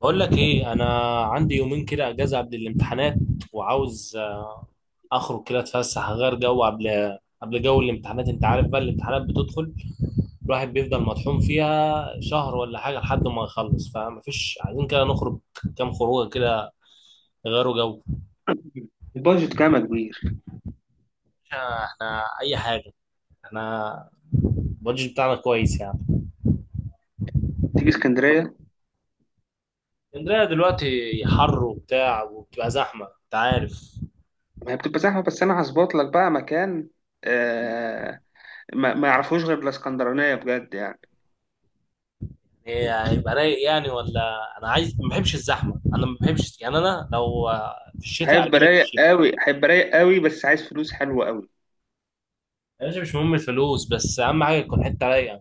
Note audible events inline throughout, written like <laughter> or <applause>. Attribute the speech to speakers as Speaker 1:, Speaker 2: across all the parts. Speaker 1: بقول لك ايه. انا عندي يومين كده اجازه قبل الامتحانات، وعاوز اخرج كده اتفسح اغير جو قبل جو الامتحانات. انت عارف بقى الامتحانات بتدخل الواحد بيفضل مطحون فيها شهر ولا حاجه لحد ما يخلص، فمفيش عايزين كده نخرج كام خروجه كده يغيروا جو.
Speaker 2: البادجت كام يا كبير؟
Speaker 1: احنا اي حاجه، احنا البادجت بتاعنا كويس يعني.
Speaker 2: تيجي اسكندريه؟
Speaker 1: اسكندريه دلوقتي حر وبتاع، وبتبقى زحمه انت عارف.
Speaker 2: ما هي بتبقى زحمه، بس انا هظبط لك بقى مكان. آه. ما يعرفوش غير الاسكندرانيه، بجد يعني.
Speaker 1: هيبقى رايق يعني ولا انا عايز؟ ما بحبش الزحمه، انا ما بحبش يعني، انا لو في الشتاء اجي
Speaker 2: هيبقى
Speaker 1: لك في
Speaker 2: رايق
Speaker 1: الشتاء.
Speaker 2: قوي، هيبقى رايق قوي، بس عايز فلوس حلوه قوي.
Speaker 1: يا باشا مش مهم الفلوس، بس اهم حاجه تكون حته رايقه.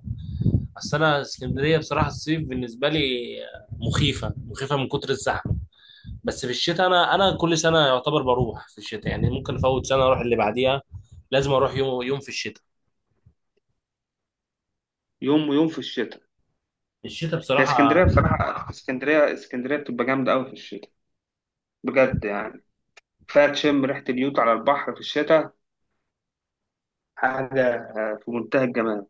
Speaker 1: اصل انا اسكندريه بصراحه الصيف بالنسبه لي مخيفه، مخيفه من كتر الزحمه. بس في الشتاء انا كل سنه يعتبر بروح في الشتاء، يعني ممكن افوت سنه اروح اللي بعديها. لازم اروح يوم يوم في الشتاء،
Speaker 2: يوم ويوم في الشتاء.
Speaker 1: الشتاء
Speaker 2: هي
Speaker 1: بصراحه.
Speaker 2: اسكندريه بصراحه، اسكندريه اسكندريه بتبقى جامده قوي في الشتاء، بجد يعني. كفايه تشم ريحه اليوت على البحر في الشتاء. حاجه في منتهى الجمال.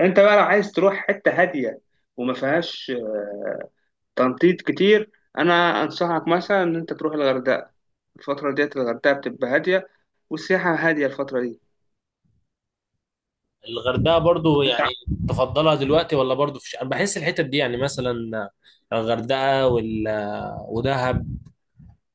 Speaker 2: انت بقى لو عايز تروح حته هاديه وما فيهاش تنطيط كتير، انا انصحك مثلا ان انت تروح الغردقه. الفتره ديت الغردقه بتبقى هاديه، والسياحه هاديه الفتره دي.
Speaker 1: الغردقه برضو يعني تفضلها دلوقتي ولا برضو في الشتاء؟ انا بحس الحتت دي يعني مثلا الغردقه ودهب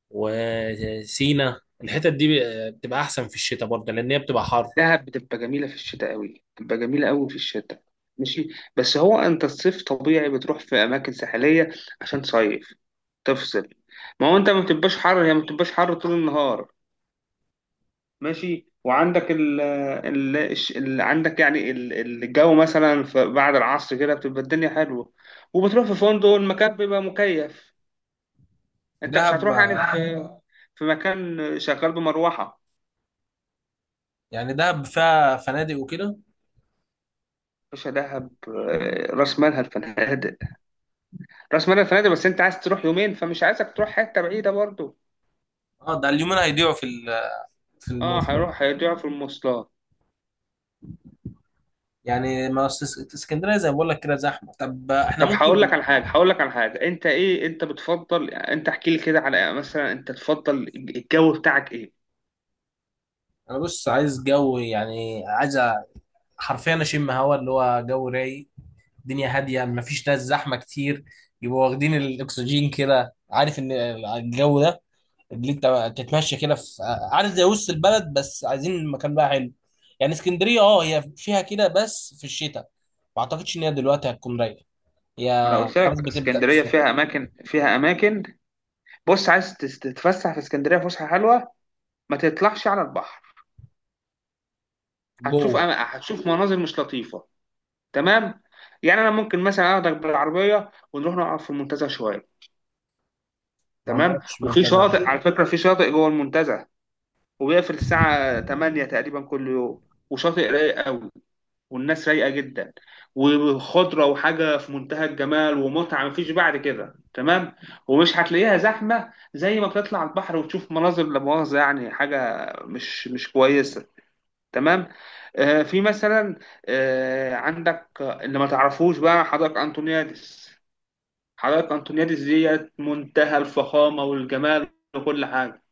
Speaker 1: وسينا الحتت دي بتبقى احسن في الشتاء برضه، لان هي بتبقى حر.
Speaker 2: دهب بتبقى جميله في الشتاء قوي، بتبقى جميله قوي في الشتاء. ماشي. بس هو انت الصيف طبيعي بتروح في اماكن ساحليه عشان تصيف، تفصل. ما هو انت ما بتبقاش حر، هي ما بتبقاش حر طول النهار. ماشي. وعندك عندك يعني الجو مثلا بعد العصر كده بتبقى الدنيا حلوه، وبتروح في فندق المكان بيبقى مكيف. انت مش
Speaker 1: دهب.
Speaker 2: هتروح يعني في. نعم. في مكان شغال بمروحه.
Speaker 1: يعني دهب فيها فنادق وكده؟
Speaker 2: مش دهب راس مالها الفنادق، راس مالها الفنادق، بس انت عايز تروح يومين، فمش عايزك تروح حته بعيده برضو.
Speaker 1: اه، ده اليومين هيضيعوا في
Speaker 2: اه،
Speaker 1: المواصلات.
Speaker 2: هيروح هيضيع في المواصلات.
Speaker 1: يعني ما أصل اسكندريه زي ما بقول لك كده زحمه، طب احنا
Speaker 2: طب هقول لك
Speaker 1: ممكن.
Speaker 2: على حاجه، هقول لك على حاجه، انت ايه انت بتفضل؟ انت احكي لي كده على مثلا انت تفضل الجو بتاعك ايه.
Speaker 1: انا بص، عايز جو، يعني عايز حرفيا اشم هوا اللي هو جو رايق، الدنيا هاديه ما فيش ناس زحمه كتير، يبقوا واخدين الاكسجين كده، عارف ان الجو ده اللي انت بقى تتمشى كده في عارف زي وسط البلد، بس عايزين المكان بقى حلو. يعني اسكندريه اه هي فيها كده، بس في الشتاء، ما اعتقدش ان هي دلوقتي هتكون رايقه.
Speaker 2: ما انا
Speaker 1: هي
Speaker 2: قلت
Speaker 1: خلاص
Speaker 2: لك
Speaker 1: بتبدا
Speaker 2: اسكندريه
Speaker 1: تزحف.
Speaker 2: فيها اماكن، فيها اماكن. بص، عايز تتفسح في اسكندريه فسحه حلوه؟ ما تطلعش على البحر، هتشوف
Speaker 1: جوه.
Speaker 2: هتشوف مناظر مش لطيفه. تمام. يعني انا ممكن مثلا اخدك بالعربيه ونروح نقعد في المنتزه شويه،
Speaker 1: ما
Speaker 2: تمام،
Speaker 1: عملتش
Speaker 2: وفي
Speaker 1: منتزه.
Speaker 2: شاطئ على فكره، في شاطئ جوه المنتزه، وبيقفل الساعه 8 تقريبا كل يوم. وشاطئ رايق قوي، والناس رايقه جدا، وخضره، وحاجه في منتهى الجمال ومتعه مفيش بعد كده، تمام. ومش هتلاقيها زحمه زي ما بتطلع البحر وتشوف مناظر لا مؤاخذه، يعني حاجه مش كويسه. تمام. آه، في مثلا. آه، عندك اللي ما تعرفوش بقى حدائق انطونيادس. حدائق أنطونيادس ديت منتهى الفخامة والجمال وكل حاجة،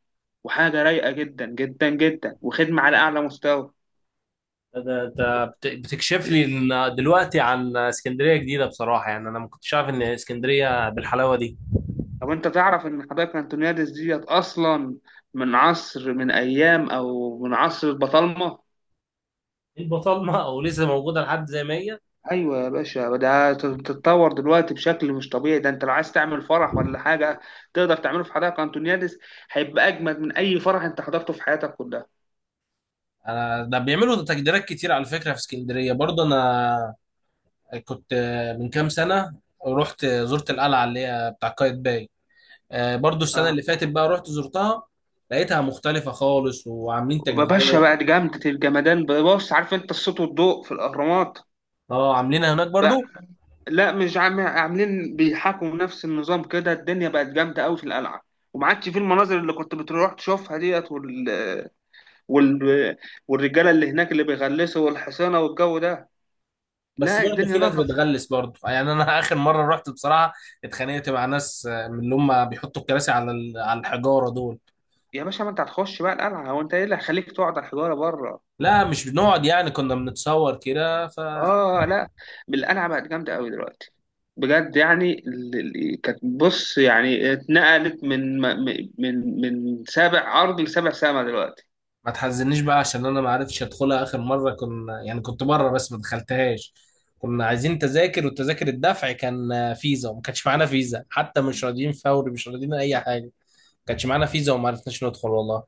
Speaker 2: وحاجة رايقة جدا جدا جدا، وخدمة على أعلى مستوى.
Speaker 1: ده بتكشف لي إن دلوقتي عن اسكندريه جديده بصراحه، يعني انا ما كنتش عارف ان اسكندريه بالحلاوه دي.
Speaker 2: طب أنت تعرف إن حدائق أنطونيادس ديت أصلا من عصر، من أيام، أو من عصر البطالمة؟
Speaker 1: البطالمه او لسه <laughs> موجوده لحد زي ما هي.
Speaker 2: أيوة يا باشا، ده تتطور دلوقتي بشكل مش طبيعي. ده أنت لو عايز تعمل فرح ولا حاجة، تقدر تعمله في حدائق أنطونيادس. هيبقى أجمد من أي فرح أنت حضرته في حياتك كلها.
Speaker 1: انا ده بيعملوا تجديدات كتير على فكره في اسكندريه برضه. انا كنت من كام سنة رحت زرت القلعة اللي هي بتاع قايتباي، برضو السنة
Speaker 2: اه.
Speaker 1: اللي فاتت بقى رحت زرتها، لقيتها مختلفة خالص وعاملين
Speaker 2: يا باشا
Speaker 1: تجديدات.
Speaker 2: بقى دي جامدة الجمدان. بص، عارف أنت الصوت والضوء في الأهرامات؟
Speaker 1: اه، عاملينها هناك برضو.
Speaker 2: لا، مش عاملين بيحاكوا نفس النظام كده. الدنيا بقت جامدة قوي في القلعة، وما عادش في المناظر اللي كنت بتروح تشوفها ديت، وال... والرجالة اللي هناك اللي بيغلسوا، والحصانة والجو ده.
Speaker 1: بس
Speaker 2: لا،
Speaker 1: برضو
Speaker 2: الدنيا
Speaker 1: في ناس
Speaker 2: نظفت.
Speaker 1: بتغلس برضو، يعني انا <laughs> اخر مرة رحت بصراحة اتخانقت مع ناس من اللي هم بيحطوا الكراسي على الحجارة دول.
Speaker 2: يا باشا، ما انت هتخش بقى القلعة، هو انت ايه اللي هيخليك تقعد على الحجارة بره؟
Speaker 1: لا مش بنقعد، يعني كنا بنتصور كده ف.
Speaker 2: اه لا. القلعة بقت جامدة قوي دلوقتي، بجد يعني. كانت، بص يعني، اتنقلت من سابع ارض لسابع سما دلوقتي.
Speaker 1: ما تحزنيش بقى، عشان انا ما عرفتش ادخلها اخر مره، كنا يعني كنت بره بس ما دخلتهاش، كنا عايزين تذاكر، وتذاكر الدفع كان فيزا، وما كانش معانا فيزا، حتى مش راضيين فوري، مش راضيين اي حاجه، ما كانش معانا فيزا وما عرفناش ندخل والله.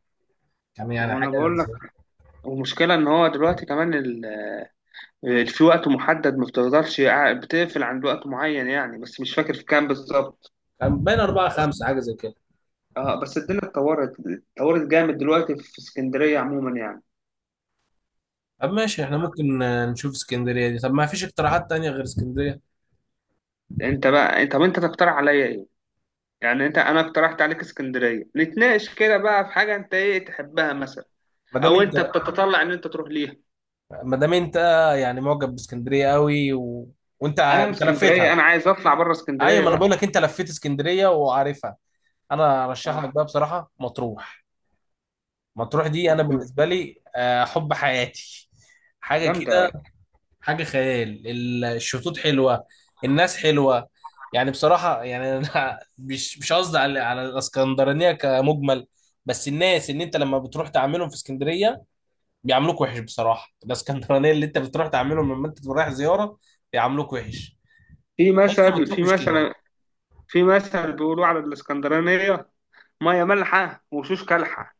Speaker 1: كان
Speaker 2: ما
Speaker 1: يعني
Speaker 2: هو
Speaker 1: حاجه،
Speaker 2: انا بقول لك، ومشكلة إن هو دلوقتي كمان في وقت محدد، ما بتقدرش بتقفل عند وقت معين يعني، بس مش فاكر في كام بالظبط.
Speaker 1: كان بين اربعه خمسه حاجه زي كده.
Speaker 2: اه، بس الدنيا اتطورت، اتطورت جامد دلوقتي في اسكندرية عموما يعني.
Speaker 1: طب ماشي، احنا ممكن نشوف اسكندريه دي. طب ما فيش اقتراحات تانية غير اسكندريه؟
Speaker 2: انت بقى، انت، طب انت تقترح عليا ايه؟ يعني انت، انا اقترحت عليك اسكندرية، نتناقش كده بقى في حاجة انت ايه تحبها مثلا،
Speaker 1: ما دام
Speaker 2: او انت
Speaker 1: انت
Speaker 2: بتتطلع ان انت تروح ليها.
Speaker 1: ما دام انت يعني معجب باسكندريه قوي، وانت
Speaker 2: انا من اسكندرية،
Speaker 1: لفيتها.
Speaker 2: انا عايز اطلع بره
Speaker 1: ايوه،
Speaker 2: اسكندرية
Speaker 1: ما انا
Speaker 2: بقى.
Speaker 1: بقول لك انت لفيت اسكندريه وعارفها. انا ارشح
Speaker 2: اه.
Speaker 1: لك بقى بصراحه مطروح. مطروح دي انا
Speaker 2: مطروح؟
Speaker 1: بالنسبه لي حب حياتي، حاجه
Speaker 2: جامدة.
Speaker 1: كده، حاجه خيال، الشطوط حلوه، الناس حلوه. يعني بصراحه يعني انا <laughs> مش قصدي على الاسكندرانيه كمجمل، بس الناس ان انت لما بتروح تعاملهم في اسكندريه بيعاملوك وحش بصراحه، الاسكندرانيه اللي انت بتروح تعاملهم لما انت رايح زياره بيعاملوك وحش،
Speaker 2: في
Speaker 1: بس
Speaker 2: مثل
Speaker 1: بتروح
Speaker 2: في
Speaker 1: مش كده.
Speaker 2: مثل في مثل بيقولوا على الاسكندرانية: ميه مالحه وشوش كالحه.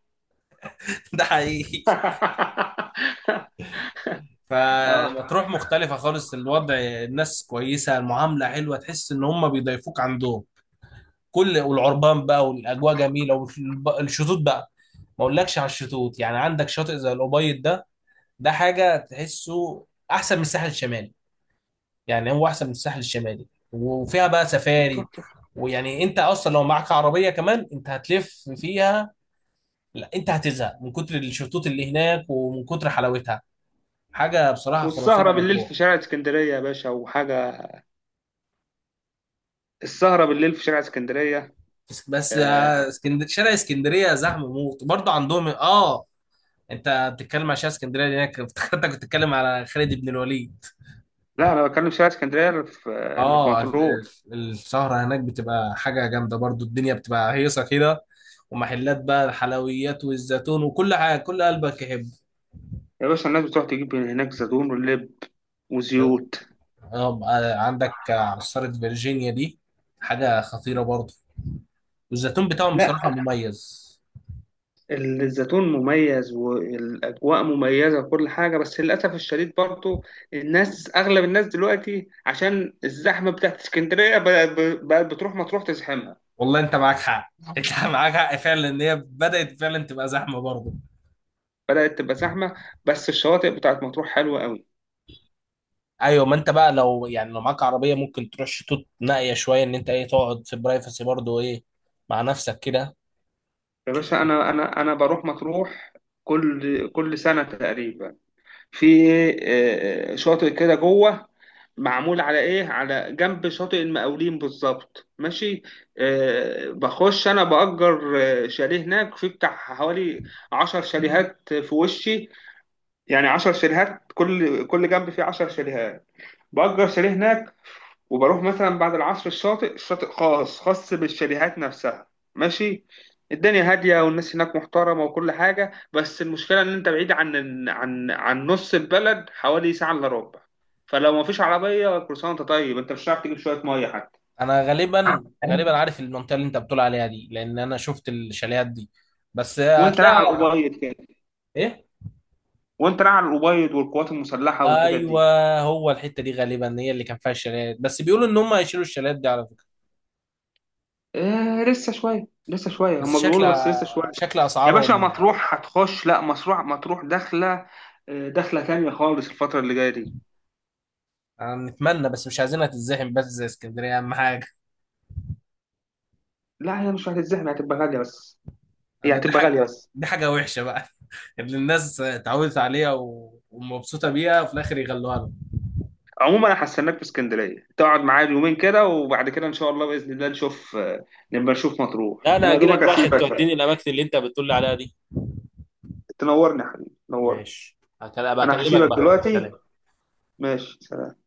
Speaker 1: <laughs> ده حقيقي.
Speaker 2: <laughs> اه.
Speaker 1: فمطروح مختلفة خالص الوضع، الناس كويسة، المعاملة حلوة، تحس إن هم بيضيفوك عندهم كل، والعربان بقى والأجواء جميلة، والشطوط بقى ما أقولكش على الشطوط، يعني عندك شاطئ زي الأبيض ده، ده حاجة تحسه أحسن من الساحل الشمالي، يعني هو أحسن من الساحل الشمالي. وفيها بقى
Speaker 2: ما تروح
Speaker 1: سفاري،
Speaker 2: تروح.
Speaker 1: ويعني انت اصلا لو معاك عربيه كمان انت هتلف فيها، لا انت هتزهق من كتر الشطوط اللي هناك، ومن كتر حلاوتها، حاجه بصراحه
Speaker 2: والسهره
Speaker 1: خرافيه.
Speaker 2: بالليل في شارع اسكندريه يا باشا، وحاجه. السهره بالليل في شارع اسكندريه.
Speaker 1: بس بس آه،
Speaker 2: آه.
Speaker 1: اسكندر، شارع اسكندريه زحمه موت برضه عندهم، اه. انت بتتكلم على شارع اسكندريه هناك، افتكرتك بتتكلم على خالد بن الوليد.
Speaker 2: لا، انا بتكلم في شارع اسكندريه اللي في، اللي في
Speaker 1: اه،
Speaker 2: مطروح.
Speaker 1: السهره هناك بتبقى حاجه جامده برضه، الدنيا بتبقى هيصه كده، ومحلات بقى الحلويات والزيتون وكل حاجه كل قلبك يحب.
Speaker 2: يا باشا، الناس بتروح تجيب من هناك زيتون ولب وزيوت.
Speaker 1: اه بقى عندك عصاره فيرجينيا دي حاجه خطيره برضه، والزيتون بتاعهم
Speaker 2: لا،
Speaker 1: بصراحه مميز.
Speaker 2: الزيتون مميز والاجواء مميزه وكل حاجه، بس للاسف الشديد برضه الناس، اغلب الناس دلوقتي، عشان الزحمه بتاعت اسكندريه بقت بتروح مطروح تزحمها.
Speaker 1: والله انت معاك حق، انت <laughs> معاك حق فعلا، ان هي بدات فعلا تبقى زحمه برضه.
Speaker 2: بدأت تبقى زحمة. بس الشواطئ بتاعت مطروح حلوة قوي.
Speaker 1: ايوه، ما انت بقى لو يعني لو معاك عربيه ممكن تروح شطوط نائيه شويه، ان انت ايه تقعد في برايفسي برضو ايه، مع نفسك كده.
Speaker 2: يا باشا، أنا بروح مطروح كل كل سنة تقريبا. في إيه، آه، شاطئ كده جوه، معمول على على جنب شاطئ المقاولين بالظبط، ماشي. بخش أنا بأجر شاليه هناك، في بتاع حوالي 10 شاليهات في وشي، يعني 10 شاليهات، كل كل جنب فيه 10 شاليهات. بأجر شاليه هناك وبروح مثلا بعد العصر. الشاطئ، الشاطئ خاص، خاص بالشاليهات نفسها، ماشي. الدنيا هادية والناس هناك محترمة وكل حاجة، بس المشكلة إن أنت بعيد عن عن نص البلد حوالي ساعة إلا ربع. فلو مفيش عربية كروسان أنت، طيب أنت مش هتعرف تجيب شوية مية حتى.
Speaker 1: انا غالبا عارف المنطقه اللي انت بتقول عليها دي، لان انا شفت الشاليهات دي. بس
Speaker 2: وأنت
Speaker 1: هتلاقي
Speaker 2: رايح على الأبيض كده،
Speaker 1: ايه.
Speaker 2: وأنت رايح على الأبيض والقوات المسلحة والحتت
Speaker 1: ايوه،
Speaker 2: دي.
Speaker 1: هو الحته دي غالبا هي اللي كان فيها الشاليهات، بس بيقولوا ان هم هيشيلوا الشاليهات دي على فكره.
Speaker 2: آه، لسه شوية، لسه شوية،
Speaker 1: بس
Speaker 2: هما
Speaker 1: شكل
Speaker 2: بيقولوا بس لسه شوية.
Speaker 1: شكل
Speaker 2: يا باشا،
Speaker 1: اسعارهم.
Speaker 2: مطروح هتخش. لا، مطروح، مطروح داخلة داخلة تانية خالص الفترة اللي جاية دي.
Speaker 1: أنا نتمنى بس مش عايزينها تتزحم بس زي اسكندريه، اهم حاجه.
Speaker 2: لا، هي مش هتتزحم، هتبقى غالية بس، هي
Speaker 1: ده دي
Speaker 2: هتبقى
Speaker 1: حاجة
Speaker 2: غالية بس.
Speaker 1: دي حاجة وحشة بقى، <laughs> اللي الناس اتعودت عليها ومبسوطة بيها، وفي الآخر يغلوها لهم.
Speaker 2: عموما، انا هستناك في اسكندرية، تقعد معايا يومين كده، وبعد كده ان شاء الله بإذن الله نشوف، نبقى نشوف مطروح.
Speaker 1: لا انا
Speaker 2: انا يا
Speaker 1: هاجي لك
Speaker 2: دوبك
Speaker 1: بقى عشان
Speaker 2: هسيبك بقى.
Speaker 1: توديني الاماكن اللي انت بتقول لي عليها دي.
Speaker 2: تنورني يا حبيبي، تنورني.
Speaker 1: ماشي، هبقى
Speaker 2: انا
Speaker 1: اكلمك
Speaker 2: هسيبك
Speaker 1: بقى،
Speaker 2: دلوقتي.
Speaker 1: سلام.
Speaker 2: ماشي، سلام.